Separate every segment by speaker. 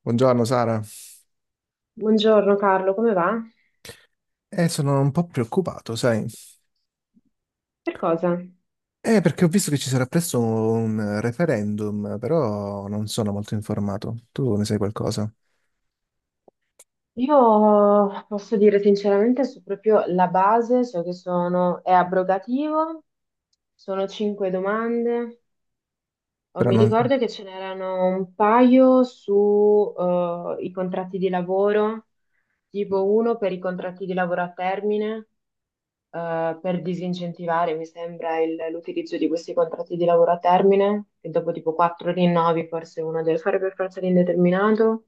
Speaker 1: Buongiorno Sara.
Speaker 2: Buongiorno Carlo, come va?
Speaker 1: Sono un po' preoccupato, sai?
Speaker 2: Per cosa?
Speaker 1: Perché ho visto che ci sarà presto un referendum, però non sono molto informato. Tu ne sai qualcosa?
Speaker 2: Io posso dire sinceramente, su proprio la base, so che sono, è abrogativo, sono cinque domande. Oh,
Speaker 1: Però
Speaker 2: mi
Speaker 1: non.
Speaker 2: ricordo che ce n'erano un paio su i contratti di lavoro, tipo uno per i contratti di lavoro a termine per disincentivare, mi sembra, l'utilizzo di questi contratti di lavoro a termine, che dopo tipo quattro rinnovi forse uno deve fare per forza l'indeterminato,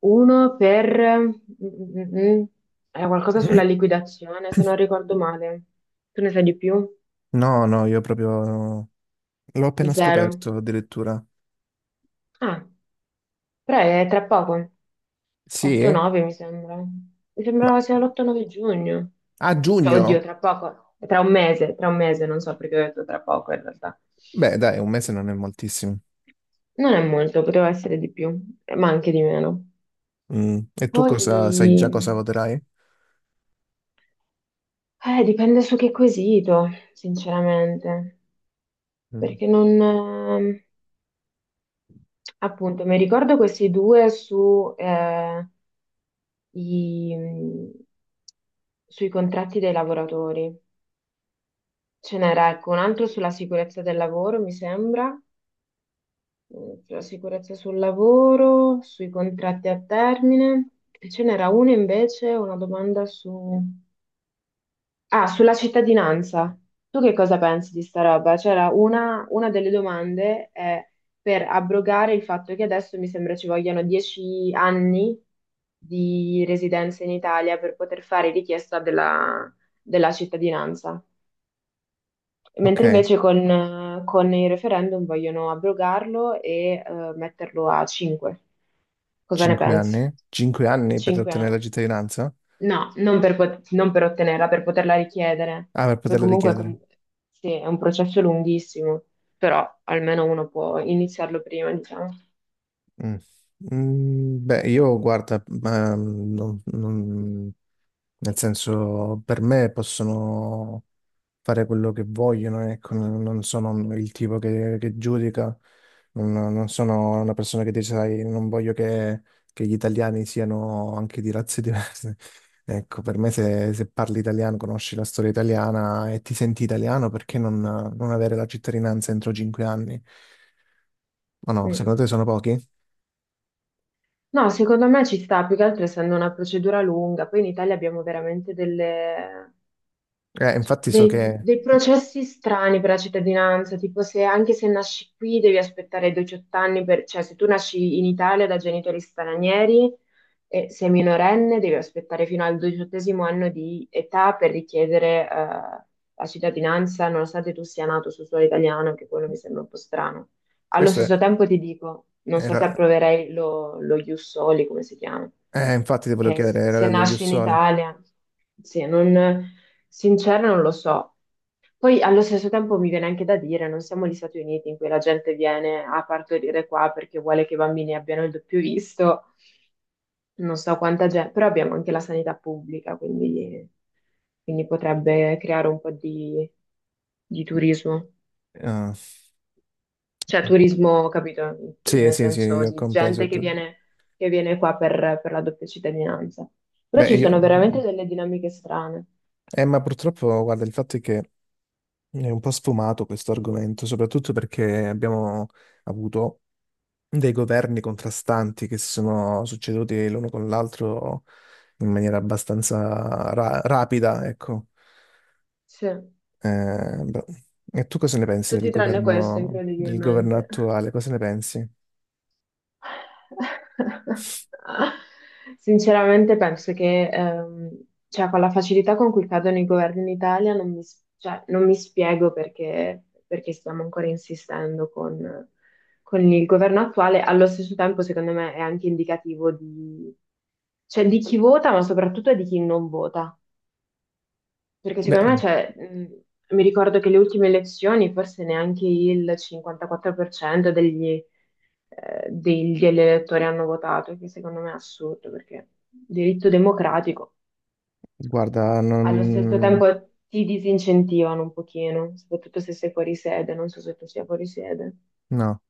Speaker 2: uno per... mm, mm, era qualcosa sulla liquidazione, se non ricordo male. Tu ne sai di più?
Speaker 1: No, no, io proprio l'ho appena
Speaker 2: Zero. Zero.
Speaker 1: scoperto addirittura.
Speaker 2: Ah, però è tra poco,
Speaker 1: Sì?
Speaker 2: 8-9 mi sembra. Mi
Speaker 1: Ma
Speaker 2: sembrava sia l'8-9 giugno.
Speaker 1: a
Speaker 2: Cioè,
Speaker 1: giugno?
Speaker 2: oddio, tra poco, tra un mese, non so perché ho detto tra poco in realtà.
Speaker 1: Beh, dai, un mese non è moltissimo.
Speaker 2: Non è molto, poteva essere di più, ma anche di meno.
Speaker 1: Mm. E tu
Speaker 2: Poi,
Speaker 1: cosa sai già cosa voterai?
Speaker 2: dipende su che quesito, sinceramente, perché non... appunto, mi ricordo questi due su, i- mm, sui contratti dei lavoratori. Ce n'era, ecco, un altro sulla sicurezza del lavoro, mi sembra, sulla sicurezza sul lavoro, sui contratti a termine, e ce n'era uno invece, una domanda su... Ah, sulla cittadinanza. Tu che cosa pensi di sta roba? C'era una delle domande è per abrogare il fatto che adesso mi sembra ci vogliano 10 anni di residenza in Italia per poter fare richiesta della cittadinanza. Mentre
Speaker 1: Ok,
Speaker 2: invece con il referendum vogliono abrogarlo e metterlo a 5. Cosa ne
Speaker 1: 5
Speaker 2: pensi?
Speaker 1: anni? 5 anni per
Speaker 2: 5
Speaker 1: ottenere
Speaker 2: anni.
Speaker 1: la cittadinanza?
Speaker 2: No, non per, non per ottenerla, per poterla richiedere.
Speaker 1: Ah, per
Speaker 2: Poi
Speaker 1: poterla
Speaker 2: comunque
Speaker 1: richiedere.
Speaker 2: sì, è un processo lunghissimo, però almeno uno può iniziarlo prima, diciamo.
Speaker 1: Mm. Beh, io guarda, ma, nel senso, per me possono, fare quello che vogliono, ecco, non sono il tipo che, giudica, non sono una persona che dice, sai, non voglio che gli italiani siano anche di razze diverse. Ecco, per me se parli italiano, conosci la storia italiana e ti senti italiano, perché non avere la cittadinanza entro 5 anni? Ma no,
Speaker 2: Mm.
Speaker 1: secondo te sono pochi?
Speaker 2: No, secondo me ci sta, più che altro essendo una procedura lunga. Poi in Italia abbiamo veramente delle
Speaker 1: Infatti so
Speaker 2: dei,
Speaker 1: che
Speaker 2: dei processi strani per la cittadinanza, tipo se anche se nasci qui devi aspettare i 18 anni, per, cioè se tu nasci in Italia da genitori stranieri e sei minorenne devi aspettare fino al 18º anno di età per richiedere la cittadinanza, nonostante tu sia nato su suolo italiano, anche quello mi sembra un po' strano. Allo
Speaker 1: questo è-
Speaker 2: stesso tempo ti dico, non so se
Speaker 1: era.
Speaker 2: approverei lo ius soli, come si chiama,
Speaker 1: Infatti ti volevo
Speaker 2: che
Speaker 1: chiedere, era
Speaker 2: se
Speaker 1: dello
Speaker 2: nasci in
Speaker 1: Jussoli.
Speaker 2: Italia, sì, non. Sincera, non lo so. Poi allo stesso tempo mi viene anche da dire, non siamo gli Stati Uniti in cui la gente viene a partorire qua perché vuole che i bambini abbiano il doppio visto, non so quanta gente, però abbiamo anche la sanità pubblica, quindi potrebbe creare un po' di turismo.
Speaker 1: Ah.
Speaker 2: Cioè turismo, capito?
Speaker 1: Sì,
Speaker 2: Nel
Speaker 1: sì, sì,
Speaker 2: senso
Speaker 1: ho
Speaker 2: di
Speaker 1: compreso.
Speaker 2: gente che viene qua per la doppia cittadinanza. Però
Speaker 1: Beh,
Speaker 2: ci sono
Speaker 1: io...
Speaker 2: veramente delle dinamiche strane.
Speaker 1: Ma purtroppo, guarda, il fatto è che è un po' sfumato questo argomento, soprattutto perché abbiamo avuto dei governi contrastanti che si sono succeduti l'uno con l'altro in maniera abbastanza rapida, ecco.
Speaker 2: Sì,
Speaker 1: Beh, e tu cosa ne pensi del
Speaker 2: tutti tranne questo,
Speaker 1: governo,
Speaker 2: incredibilmente.
Speaker 1: attuale? Cosa ne pensi?
Speaker 2: Sinceramente penso che cioè, con la facilità con cui cadono i governi in Italia non mi, cioè, non mi spiego perché stiamo ancora insistendo con il governo attuale. Allo stesso tempo, secondo me, è anche indicativo di, cioè, di chi vota, ma soprattutto di chi non vota. Perché secondo me,
Speaker 1: Beh,
Speaker 2: cioè, mi ricordo che le ultime elezioni forse neanche il 54% degli elettori hanno votato, che secondo me è assurdo, perché diritto democratico
Speaker 1: guarda,
Speaker 2: allo stesso
Speaker 1: non.
Speaker 2: tempo ti disincentivano un pochino, soprattutto se sei fuori sede, non so se tu sia fuori sede.
Speaker 1: No.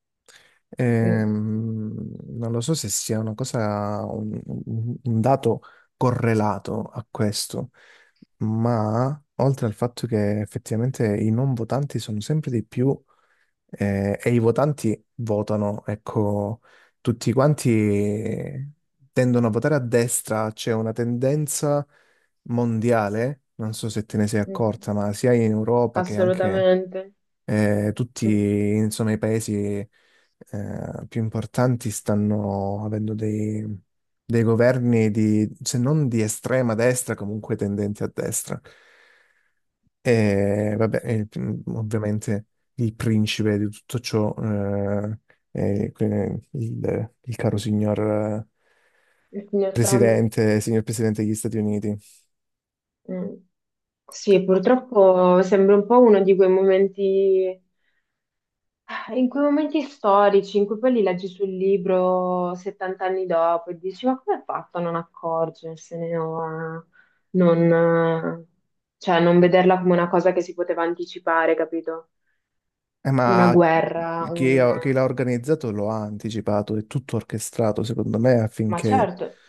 Speaker 2: Mm,
Speaker 1: Ehm, non lo so se sia una cosa, un dato correlato a questo, ma oltre al fatto che effettivamente i non votanti sono sempre di più, e i votanti votano, ecco, tutti quanti tendono a votare a destra, c'è una tendenza mondiale, non so se te ne sei
Speaker 2: mm,
Speaker 1: accorta, ma sia in Europa che anche
Speaker 2: assolutamente.
Speaker 1: tutti,
Speaker 2: Mm.
Speaker 1: insomma, i paesi più importanti stanno avendo dei governi di, se non di estrema destra, comunque tendenti a destra. E vabbè, ovviamente il principe di tutto ciò è il caro signor
Speaker 2: Il signor Trump.
Speaker 1: presidente, signor presidente degli Stati Uniti.
Speaker 2: Mm. Sì, purtroppo sembra un po' uno di quei momenti. Ah, in quei momenti storici in cui poi li leggi sul libro 70 anni dopo e dici, ma come ha fatto a non accorgersene o a non, eh, cioè, non vederla come una cosa che si poteva anticipare, capito? Una
Speaker 1: Ma
Speaker 2: guerra,
Speaker 1: chi,
Speaker 2: un...
Speaker 1: ha- chi l'ha organizzato lo ha anticipato, è tutto orchestrato, secondo me,
Speaker 2: Ma
Speaker 1: affinché.
Speaker 2: certo,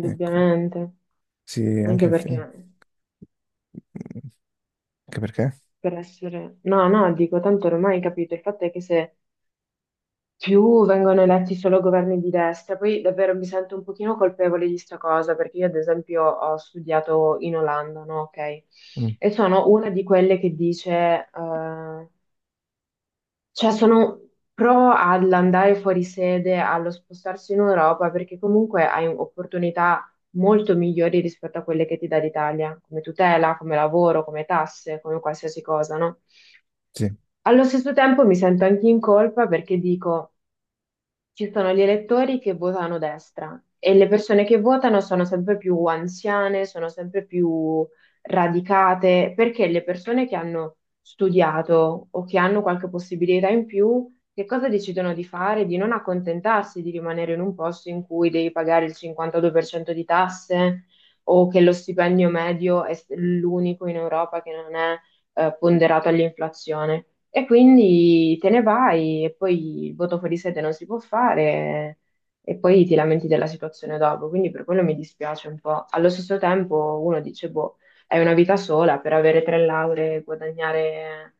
Speaker 1: Ecco, sì,
Speaker 2: anche
Speaker 1: anche,
Speaker 2: perché
Speaker 1: anche perché?
Speaker 2: per essere... No, no, dico, tanto ormai capito, il fatto è che se più vengono eletti solo governi di destra. Poi davvero mi sento un pochino colpevole di sta cosa, perché io ad esempio ho studiato in Olanda, no? Ok.
Speaker 1: Mm,
Speaker 2: E sono una di quelle che dice, eh, cioè sono pro all'andare fuori sede, allo spostarsi in Europa, perché comunque hai opportunità molto migliori rispetto a quelle che ti dà l'Italia, come tutela, come lavoro, come tasse, come qualsiasi cosa, no?
Speaker 1: sì,
Speaker 2: Allo stesso tempo mi sento anche in colpa perché dico... Ci sono gli elettori che votano destra e le persone che votano sono sempre più anziane, sono sempre più radicate, perché le persone che hanno studiato o che hanno qualche possibilità in più, che cosa decidono di fare? Di non accontentarsi di rimanere in un posto in cui devi pagare il 52% di tasse o che lo stipendio medio è l'unico in Europa che non è ponderato all'inflazione. E quindi te ne vai e poi il voto fuori sede non si può fare e poi ti lamenti della situazione dopo. Quindi per quello mi dispiace un po'. Allo stesso tempo uno dice, boh, hai una vita sola per avere tre lauree, e guadagnare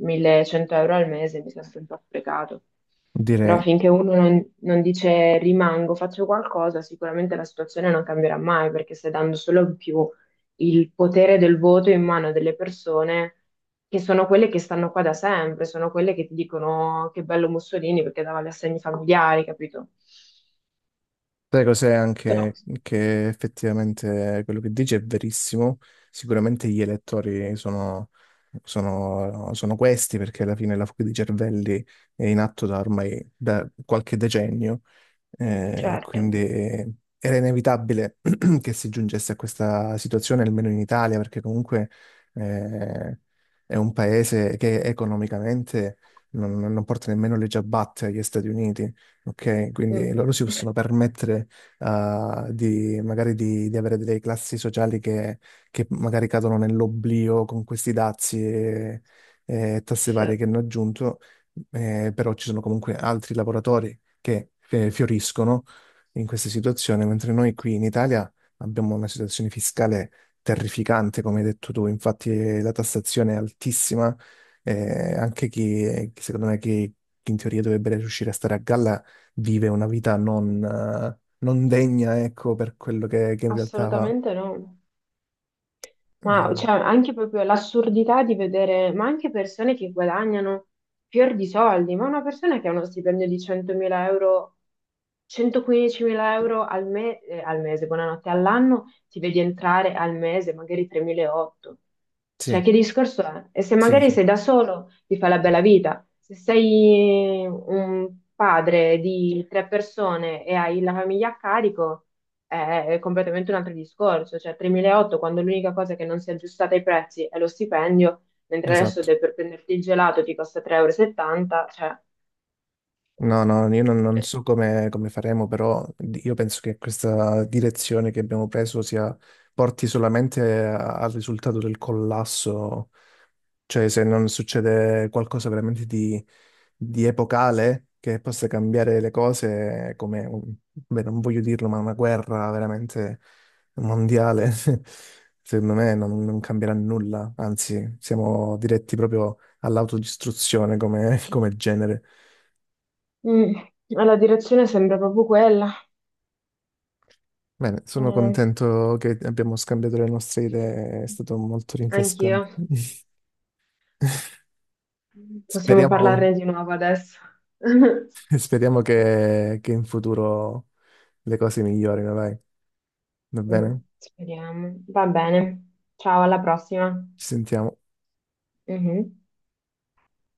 Speaker 2: 1.100 euro al mese, mi sento un po' sprecato. Però
Speaker 1: direi.
Speaker 2: finché uno non dice rimango, faccio qualcosa, sicuramente la situazione non cambierà mai, perché stai dando solo in più il potere del voto in mano delle persone che sono quelle che stanno qua da sempre, sono quelle che ti dicono che bello Mussolini perché dava gli assegni familiari, capito?
Speaker 1: Sai cos'è
Speaker 2: Però,
Speaker 1: anche che effettivamente quello che dici è verissimo, sicuramente gli elettori sono questi perché alla fine la fuga di cervelli è in atto da ormai da qualche decennio. Quindi
Speaker 2: certo.
Speaker 1: era inevitabile che si giungesse a questa situazione, almeno in Italia, perché comunque eh, è un paese che economicamente non porta nemmeno le ciabatte agli Stati Uniti. Ok,
Speaker 2: Mm,
Speaker 1: quindi loro si
Speaker 2: mm.
Speaker 1: possono permettere di, magari di avere delle classi sociali che magari cadono nell'oblio con questi dazi e tasse
Speaker 2: Sì.
Speaker 1: varie che hanno aggiunto, però ci sono comunque altri lavoratori che fioriscono in questa situazione, mentre noi qui in Italia abbiamo una situazione fiscale terrificante, come hai detto tu, infatti la tassazione è altissima, anche chi secondo me chi in teoria dovrebbe riuscire a stare a galla vive una vita non degna, ecco, per quello che in realtà fa.
Speaker 2: Assolutamente no. Ma
Speaker 1: Mm,
Speaker 2: cioè, anche proprio l'assurdità di vedere, ma anche persone che guadagnano fior di soldi, ma una persona che ha uno stipendio di 100.000 euro, 115.000 euro al mese, buonanotte, all'anno, ti vedi entrare al mese magari 3.800.
Speaker 1: sì,
Speaker 2: Cioè, che discorso è? E se
Speaker 1: sì,
Speaker 2: magari
Speaker 1: sì,
Speaker 2: sei da solo, ti fa la bella vita. Se sei un padre di tre persone e hai la famiglia a carico, è completamente un altro discorso. Cioè, 3.800 quando l'unica cosa che non si è aggiustata ai prezzi è lo stipendio, mentre adesso
Speaker 1: esatto.
Speaker 2: per prenderti il gelato ti costa 3,70 euro. E settanta, cioè,
Speaker 1: No, no, io non so come faremo, però io penso che questa direzione che abbiamo preso porti solamente al risultato del collasso, cioè se non succede qualcosa veramente di epocale che possa cambiare le cose, come, beh, non voglio dirlo, ma una guerra veramente mondiale, secondo me non cambierà nulla, anzi siamo diretti proprio all'autodistruzione come come genere.
Speaker 2: mm, la direzione sembra proprio quella.
Speaker 1: Bene, sono
Speaker 2: Mm,
Speaker 1: contento che abbiamo scambiato le nostre idee, è stato molto
Speaker 2: anch'io.
Speaker 1: rinfrescante.
Speaker 2: Possiamo
Speaker 1: Speriamo,
Speaker 2: parlarne di nuovo adesso.
Speaker 1: speriamo che in futuro le cose migliorino, dai. Va
Speaker 2: Mm,
Speaker 1: bene?
Speaker 2: speriamo. Va bene. Ciao, alla prossima.
Speaker 1: Ci sentiamo.
Speaker 2: Mhm.